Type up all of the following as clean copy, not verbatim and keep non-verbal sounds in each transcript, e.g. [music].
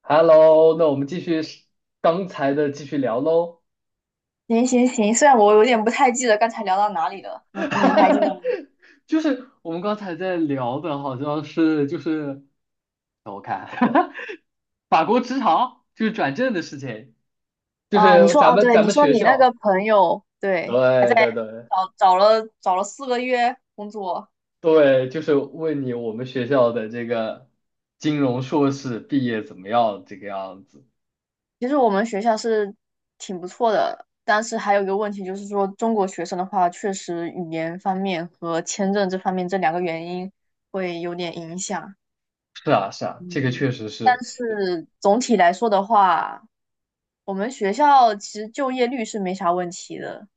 Hello，那我们继续是刚才的继续聊喽。行行行，虽然我有点不太记得刚才聊到哪里了，你还记得吗？就是我们刚才在聊的，好像是就是让我看 [laughs] 法国职场就是转正的事情，就啊，你是说咱哦，们对，咱你们说学你那个校，朋友，对，对对对找了四个月工作，对，就是问你我们学校的这个金融硕士毕业怎么样这个样子。其实我们学校是挺不错的，但是还有一个问题就是说，中国学生的话，确实语言方面和签证这方面这两个原因会有点影响。是啊是啊，这个嗯，确实但是，是总体来说的话，我们学校其实就业率是没啥问题的，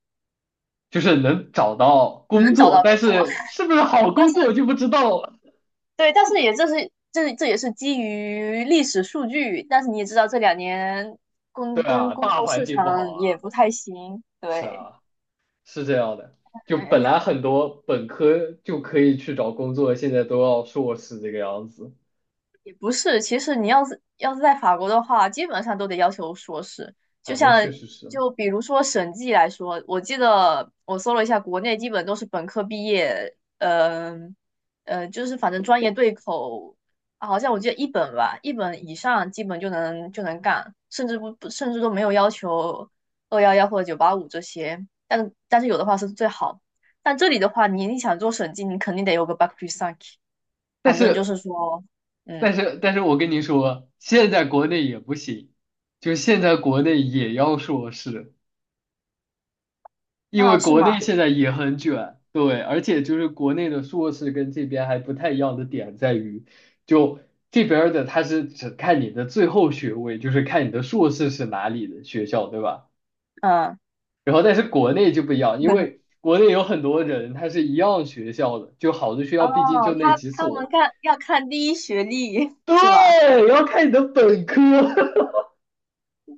就是能找到工能找到作，但工作。是是不是好 [laughs] 但工作是。就不知道了。对，但是也这也是基于历史数据，但是你也知道这两年对工工啊，工大作环市境不场好也啊，不太行，是对，啊，是这样的。就本来很多本科就可以去找工作，现在都要硕士这个样子。也不是，其实你要是在法国的话，基本上都得要求硕士。就哎，那像确实是。就比如说审计来说，我记得我搜了一下，国内基本都是本科毕业，就是反正专业对口，啊好像我记得一本吧，一本以上基本就能干，甚至不不甚至都没有要求二幺幺或者九八五这些，但是有的话是最好。但这里的话，你想做审计，你肯定得有个 bac plus 5，但反正就是，是说。但嗯，是，但是我跟你说，现在国内也不行，就现在国内也要硕士，因为哦，是国内吗？现在也很卷。对，而且就是国内的硕士跟这边还不太一样的点在于，就这边儿的，他是只看你的最后学位，就是看你的硕士是哪里的学校，对吧？嗯，然后但是国内就不一样，因为 [laughs] 国内有很多人他是一样学校的，就好的学哦，校毕竟就那他几他们所。要看第一学历是吧？对，要看你的本科。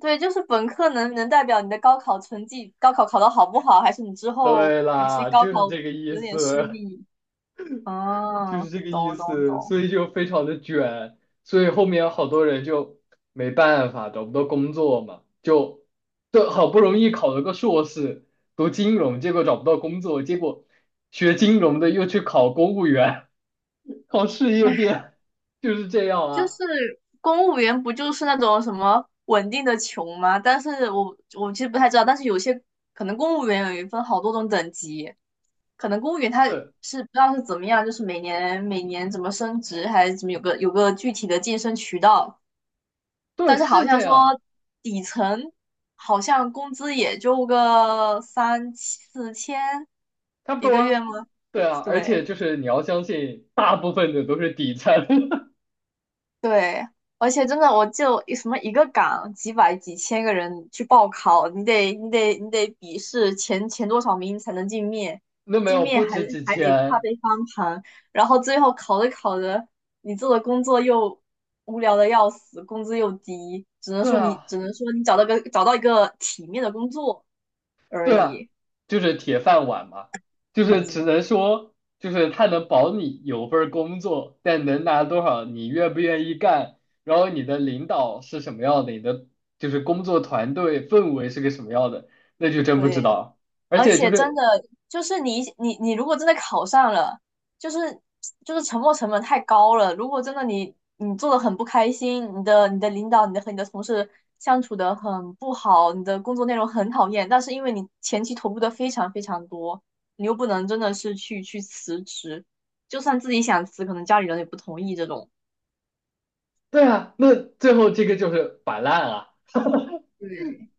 对，就是本科能代表你的高考成绩，高考考得好不好，还是你之 [laughs] 后对你去啦，高就是考这个意有点失思，利？就是哦，这个意懂懂思，懂。所以就非常的卷，所以后面好多人就没办法，找不到工作嘛，就就好不容易考了个硕士，读金融，结果找不到工作，结果学金融的又去考公务员，[laughs] 考事业编，[laughs] 就是这样就啊。是公务员不就是那种什么稳定的穷吗？但是我其实不太知道，但是有些可能公务员有一分好多种等级，可能公务员他对。是不知道是怎么样，就是每年每年怎么升职还是怎么有个具体的晋升渠道，对，但是好是这像说样，底层好像工资也就个三四千差不一多个月啊。吗？对啊，而对。且就是你要相信，大部分的都是底层，对，而且真的，我就什么一个岗几百几千个人去报考，你得笔试前多少名才能进面，[laughs] 那没进有面不还值几还得怕千。被翻盘，然后最后考着考着，你做的工作又无聊的要死，工资又低，只能对说你啊，只能说你找到一个体面的工作而对啊，已。就是铁饭碗嘛，就是只嗯，能说，就是他能保你有份儿工作，但能拿多少，你愿不愿意干，然后你的领导是什么样的，你的就是工作团队氛围是个什么样的，那就真不知对，道。而而且就且真是，的就是你如果真的考上了，就是就是沉没成本太高了。如果真的你做的很不开心，你的领导和你的同事相处的很不好，你的工作内容很讨厌，但是因为你前期投入的非常非常多，你又不能真的是去辞职，就算自己想辞，可能家里人也不同意这种。对啊，那最后这个就是摆烂啊。对，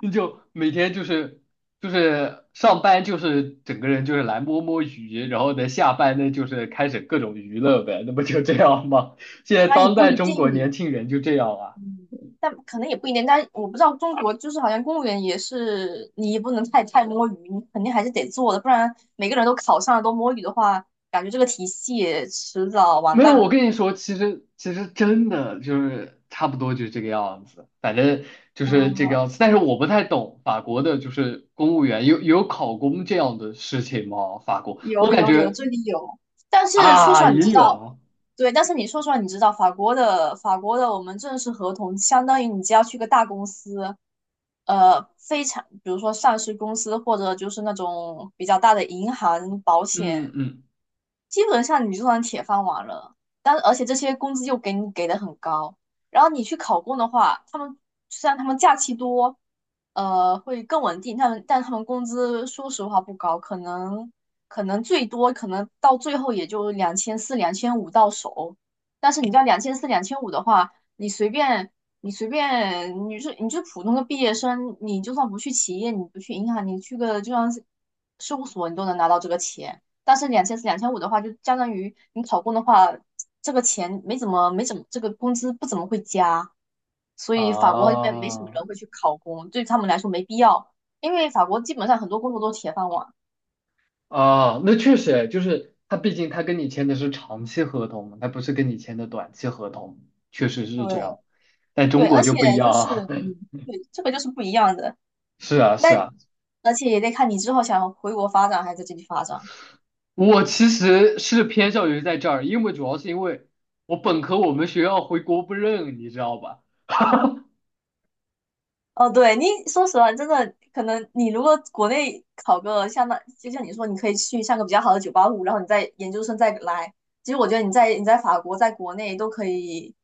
你就每天就是就是上班就是整个人就是来摸摸鱼，然后呢下班呢就是开始各种娱乐呗，那不就这样吗？[laughs] 现在但也当不代一中国年定，轻人就这样啊？嗯，但可能也不一定，但我不知道中国就是好像公务员也是，你也不能太摸鱼，你肯定还是得做的，不然每个人都考上了都摸鱼的话，感觉这个体系迟早完没有，我蛋。跟你说，其实真的就是差不多就是这个样子，反正就是这个样嗯子。但是我不太懂法国的，就是公务员有考公这样的事情吗？法国，我有感有有，觉这里有。但是说实啊话，你也知有道，啊，对，但是你说出来，你知道法国的我们正式合同，相当于你只要去个大公司，非常，比如说上市公司或者就是那种比较大的银行、保嗯险，嗯基本上你就算铁饭碗了。但而且这些工资又给你给的很高，然后你去考公的话，虽然他们假期多，会更稳定，但他们工资说实话不高，可能最多可能到最后也就两千四、两千五到手。但是你知道两千四、两千五的话，你随便你是普通的毕业生，你就算不去企业，你不去银行，你去个就像是事务所，你都能拿到这个钱。但是两千四、两千五的话，就相当于你考公的话，这个钱没怎么，这个工资不怎么会加。所以法国这边没什么啊。人会去考公，对他们来说没必要，因为法国基本上很多工作都是铁饭碗。啊，那确实就是他，毕竟他跟你签的是长期合同嘛，他不是跟你签的短期合同，确实是这样。对但中对，国而就且不一样就是啊，嗯，对，这个就是不一样的。[laughs] 是啊，那是啊，而且也得看你之后想回国发展还是在这里发展。我其实是偏向于在这儿，因为主要是因为我本科我们学校回国不认，你知道吧？哦，对，你说实话，真的可能你如果国内考个像那，就像你说，你可以去上个比较好的九八五，然后你在研究生再来。其实我觉得你在法国，在国内都可以，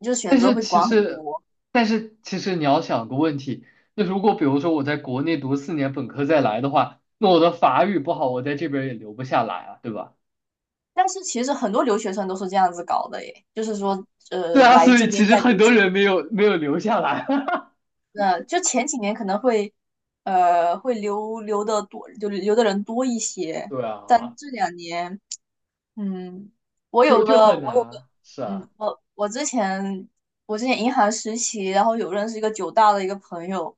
就是选但择是会其广很实，多。但是其实你要想个问题，那如果比如说我在国内读四年本科再来的话，那我的法语不好，我在这边也留不下来啊，对吧？但是其实很多留学生都是这样子搞的耶，就是说，[laughs] 对啊，来所这以其边实再很读多几年，人没有留下来。那就前几年可能会，会留的多，就留的人多一 [laughs] 些，对但啊，这两年嗯，我就有就个，很我有个，难。是啊，嗯，我之前银行实习，然后有认识一个九大的一个朋友，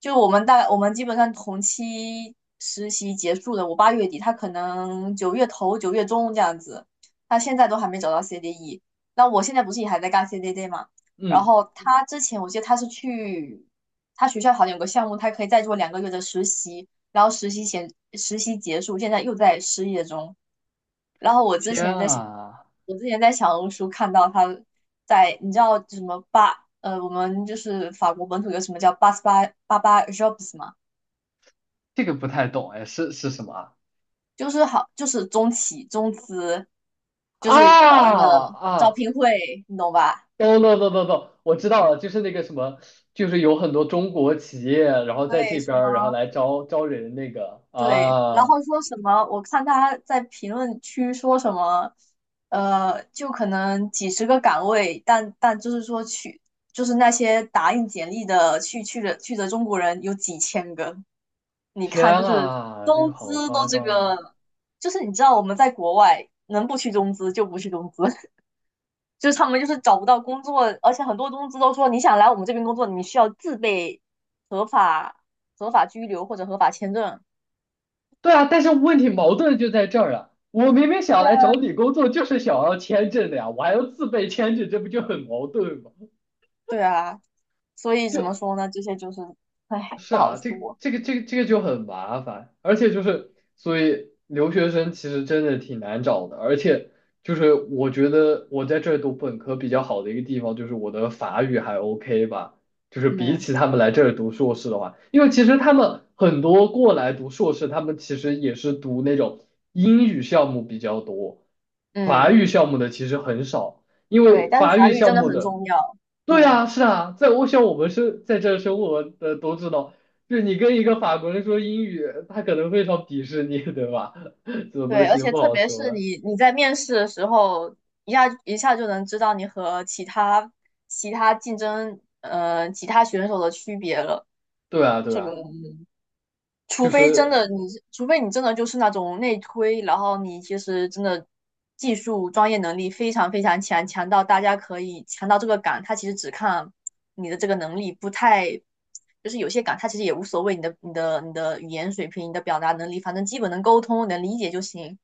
就我们基本上同期实习结束的，我八月底，他可能九月头九月中这样子，他现在都还没找到 CDE。那我现在不是也还在干 CDD 嘛？然嗯，后他之前我记得他是去他学校好像有个项目，他可以再做两个月的实习，然后实习前实习结束，现在又在失业中。然后我之天前在想，啊，我之前在小红书看到他在，你知道什么，我们就是法国本土有什么叫八八 jobs 吗？这个不太懂哎，是什么啊？就是中企中资，就啊是搞那个招啊，聘会，你懂吧？懂懂懂懂懂，我知道了，就是那个什么，就是有很多中国企业，然后在对，这什边么儿，然后来招招人那个对，然啊。后说什么？我看他在评论区说什么，就可能几十个岗位，但就是说去，就是那些打印简历的去的中国人有几千个。你天看，就是啊，这个中资好都夸这张啊！个，就是你知道我们在国外能不去中资就不去中资，[laughs] 就是他们就是找不到工作，而且很多中资都说你想来我们这边工作，你需要自备合法合法居留或者合法签证。对啊，但是问题矛盾就在这儿啊！我明明想来找你工作，就是想要签证的呀，我还要自备签证，这不就很矛盾吗？对啊，所以怎么说呢？这些就是唉，是不好啊，这个说。这个这个这个就很麻烦，而且就是所以留学生其实真的挺难找的，而且就是我觉得我在这儿读本科比较好的一个地方就是我的法语还 OK 吧，就是比嗯起他们来这儿读硕士的话，因为其实他们很多过来读硕士，他们其实也是读那种英语项目比较多，法嗯，语项目的其实很少，因对，为但是法法语语真项的目很的。重要。对嗯，啊，是啊，在我想我们是在这儿生活的都知道，就是你跟一个法国人说英语，他可能非常鄙视你，对吧？[laughs] 这种东对，而西且不特好别是说。你在面试的时候，一下一下就能知道你和其他选手的区别了。对啊，对这个啊，除就非真是的你是，除非你真的就是那种内推，然后你其实真的技术专业能力非常非常强，强到大家可以强到这个岗，他其实只看你的这个能力，不太就是有些岗他其实也无所谓你的语言水平、你的表达能力，反正基本能沟通、能理解就行。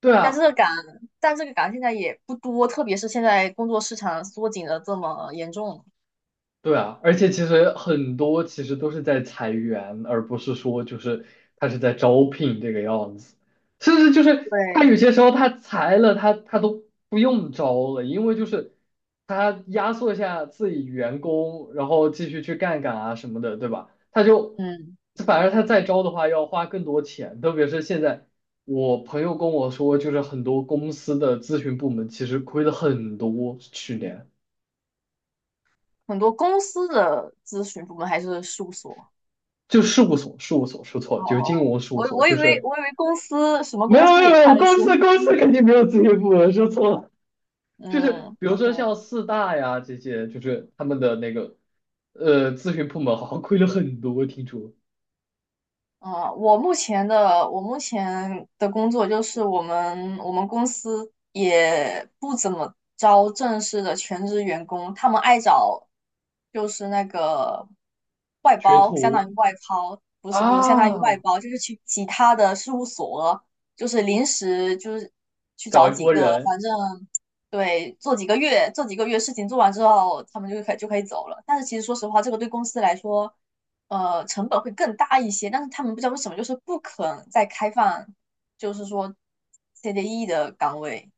对但这啊。个岗，但这个岗现在也不多，特别是现在工作市场缩紧的这么严重，对啊，而且其实很多其实都是在裁员，而不是说就是他是在招聘这个样子，甚至就是他对，有些时候他裁了他都不用招了，因为就是他压缩一下自己员工，然后继续去干干啊什么的，对吧？他就嗯，反而他再招的话要花更多钱，特别是现在我朋友跟我说，就是很多公司的咨询部门其实亏了很多去年。很多公司的咨询部门还是事务所。就事务所，事务所说错哦了，就是哦金哦，融事务我所，我以就为是我以为公司什么没有公没司有也没开有，了公新，司公司肯定没有咨询部门说错了，[laughs] 就是嗯比如说像，OK。四大呀这些，就是他们的那个咨询部门好像亏了很多，听说嗯，我目前的工作就是我们公司也不怎么招正式的全职员工，他们爱找就是那个外学包，相当徒于外包，不是不是，相当于外啊，包，就是去其他的事务所，就是临时就是去找找一几波个，人，反正对，做几个月事情做完之后，他们就可以走了。但是其实说实话，这个对公司来说。成本会更大一些，但是他们不知道为什么就是不肯再开放，就是说 CDE 的岗位，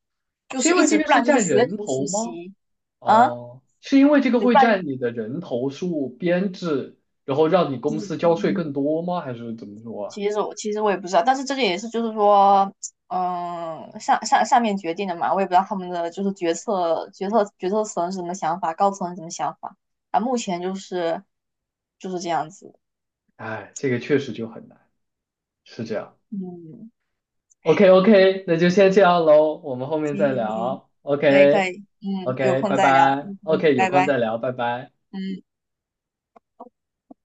就是是因一为这直个不是然就是占学人徒头实吗？习啊，哦，是因为这个对，不会然占你的人头数编制，然后让你公司交税更嗯，多吗？还是怎么说啊？其实我也不知道，但是这个也是就是说。嗯，上面决定的嘛，我也不知道他们的就是决策层是什么想法，高层是什么想法。啊，目前就是这样子。哎，这个确实就很难，是这样。嗯，OK OK,那就先这样喽，我们后面行再行行，聊。可以可 OK 以，嗯，有 OK,空拜再聊，拜。嗯，OK,有拜空拜。再聊，拜拜。嗯，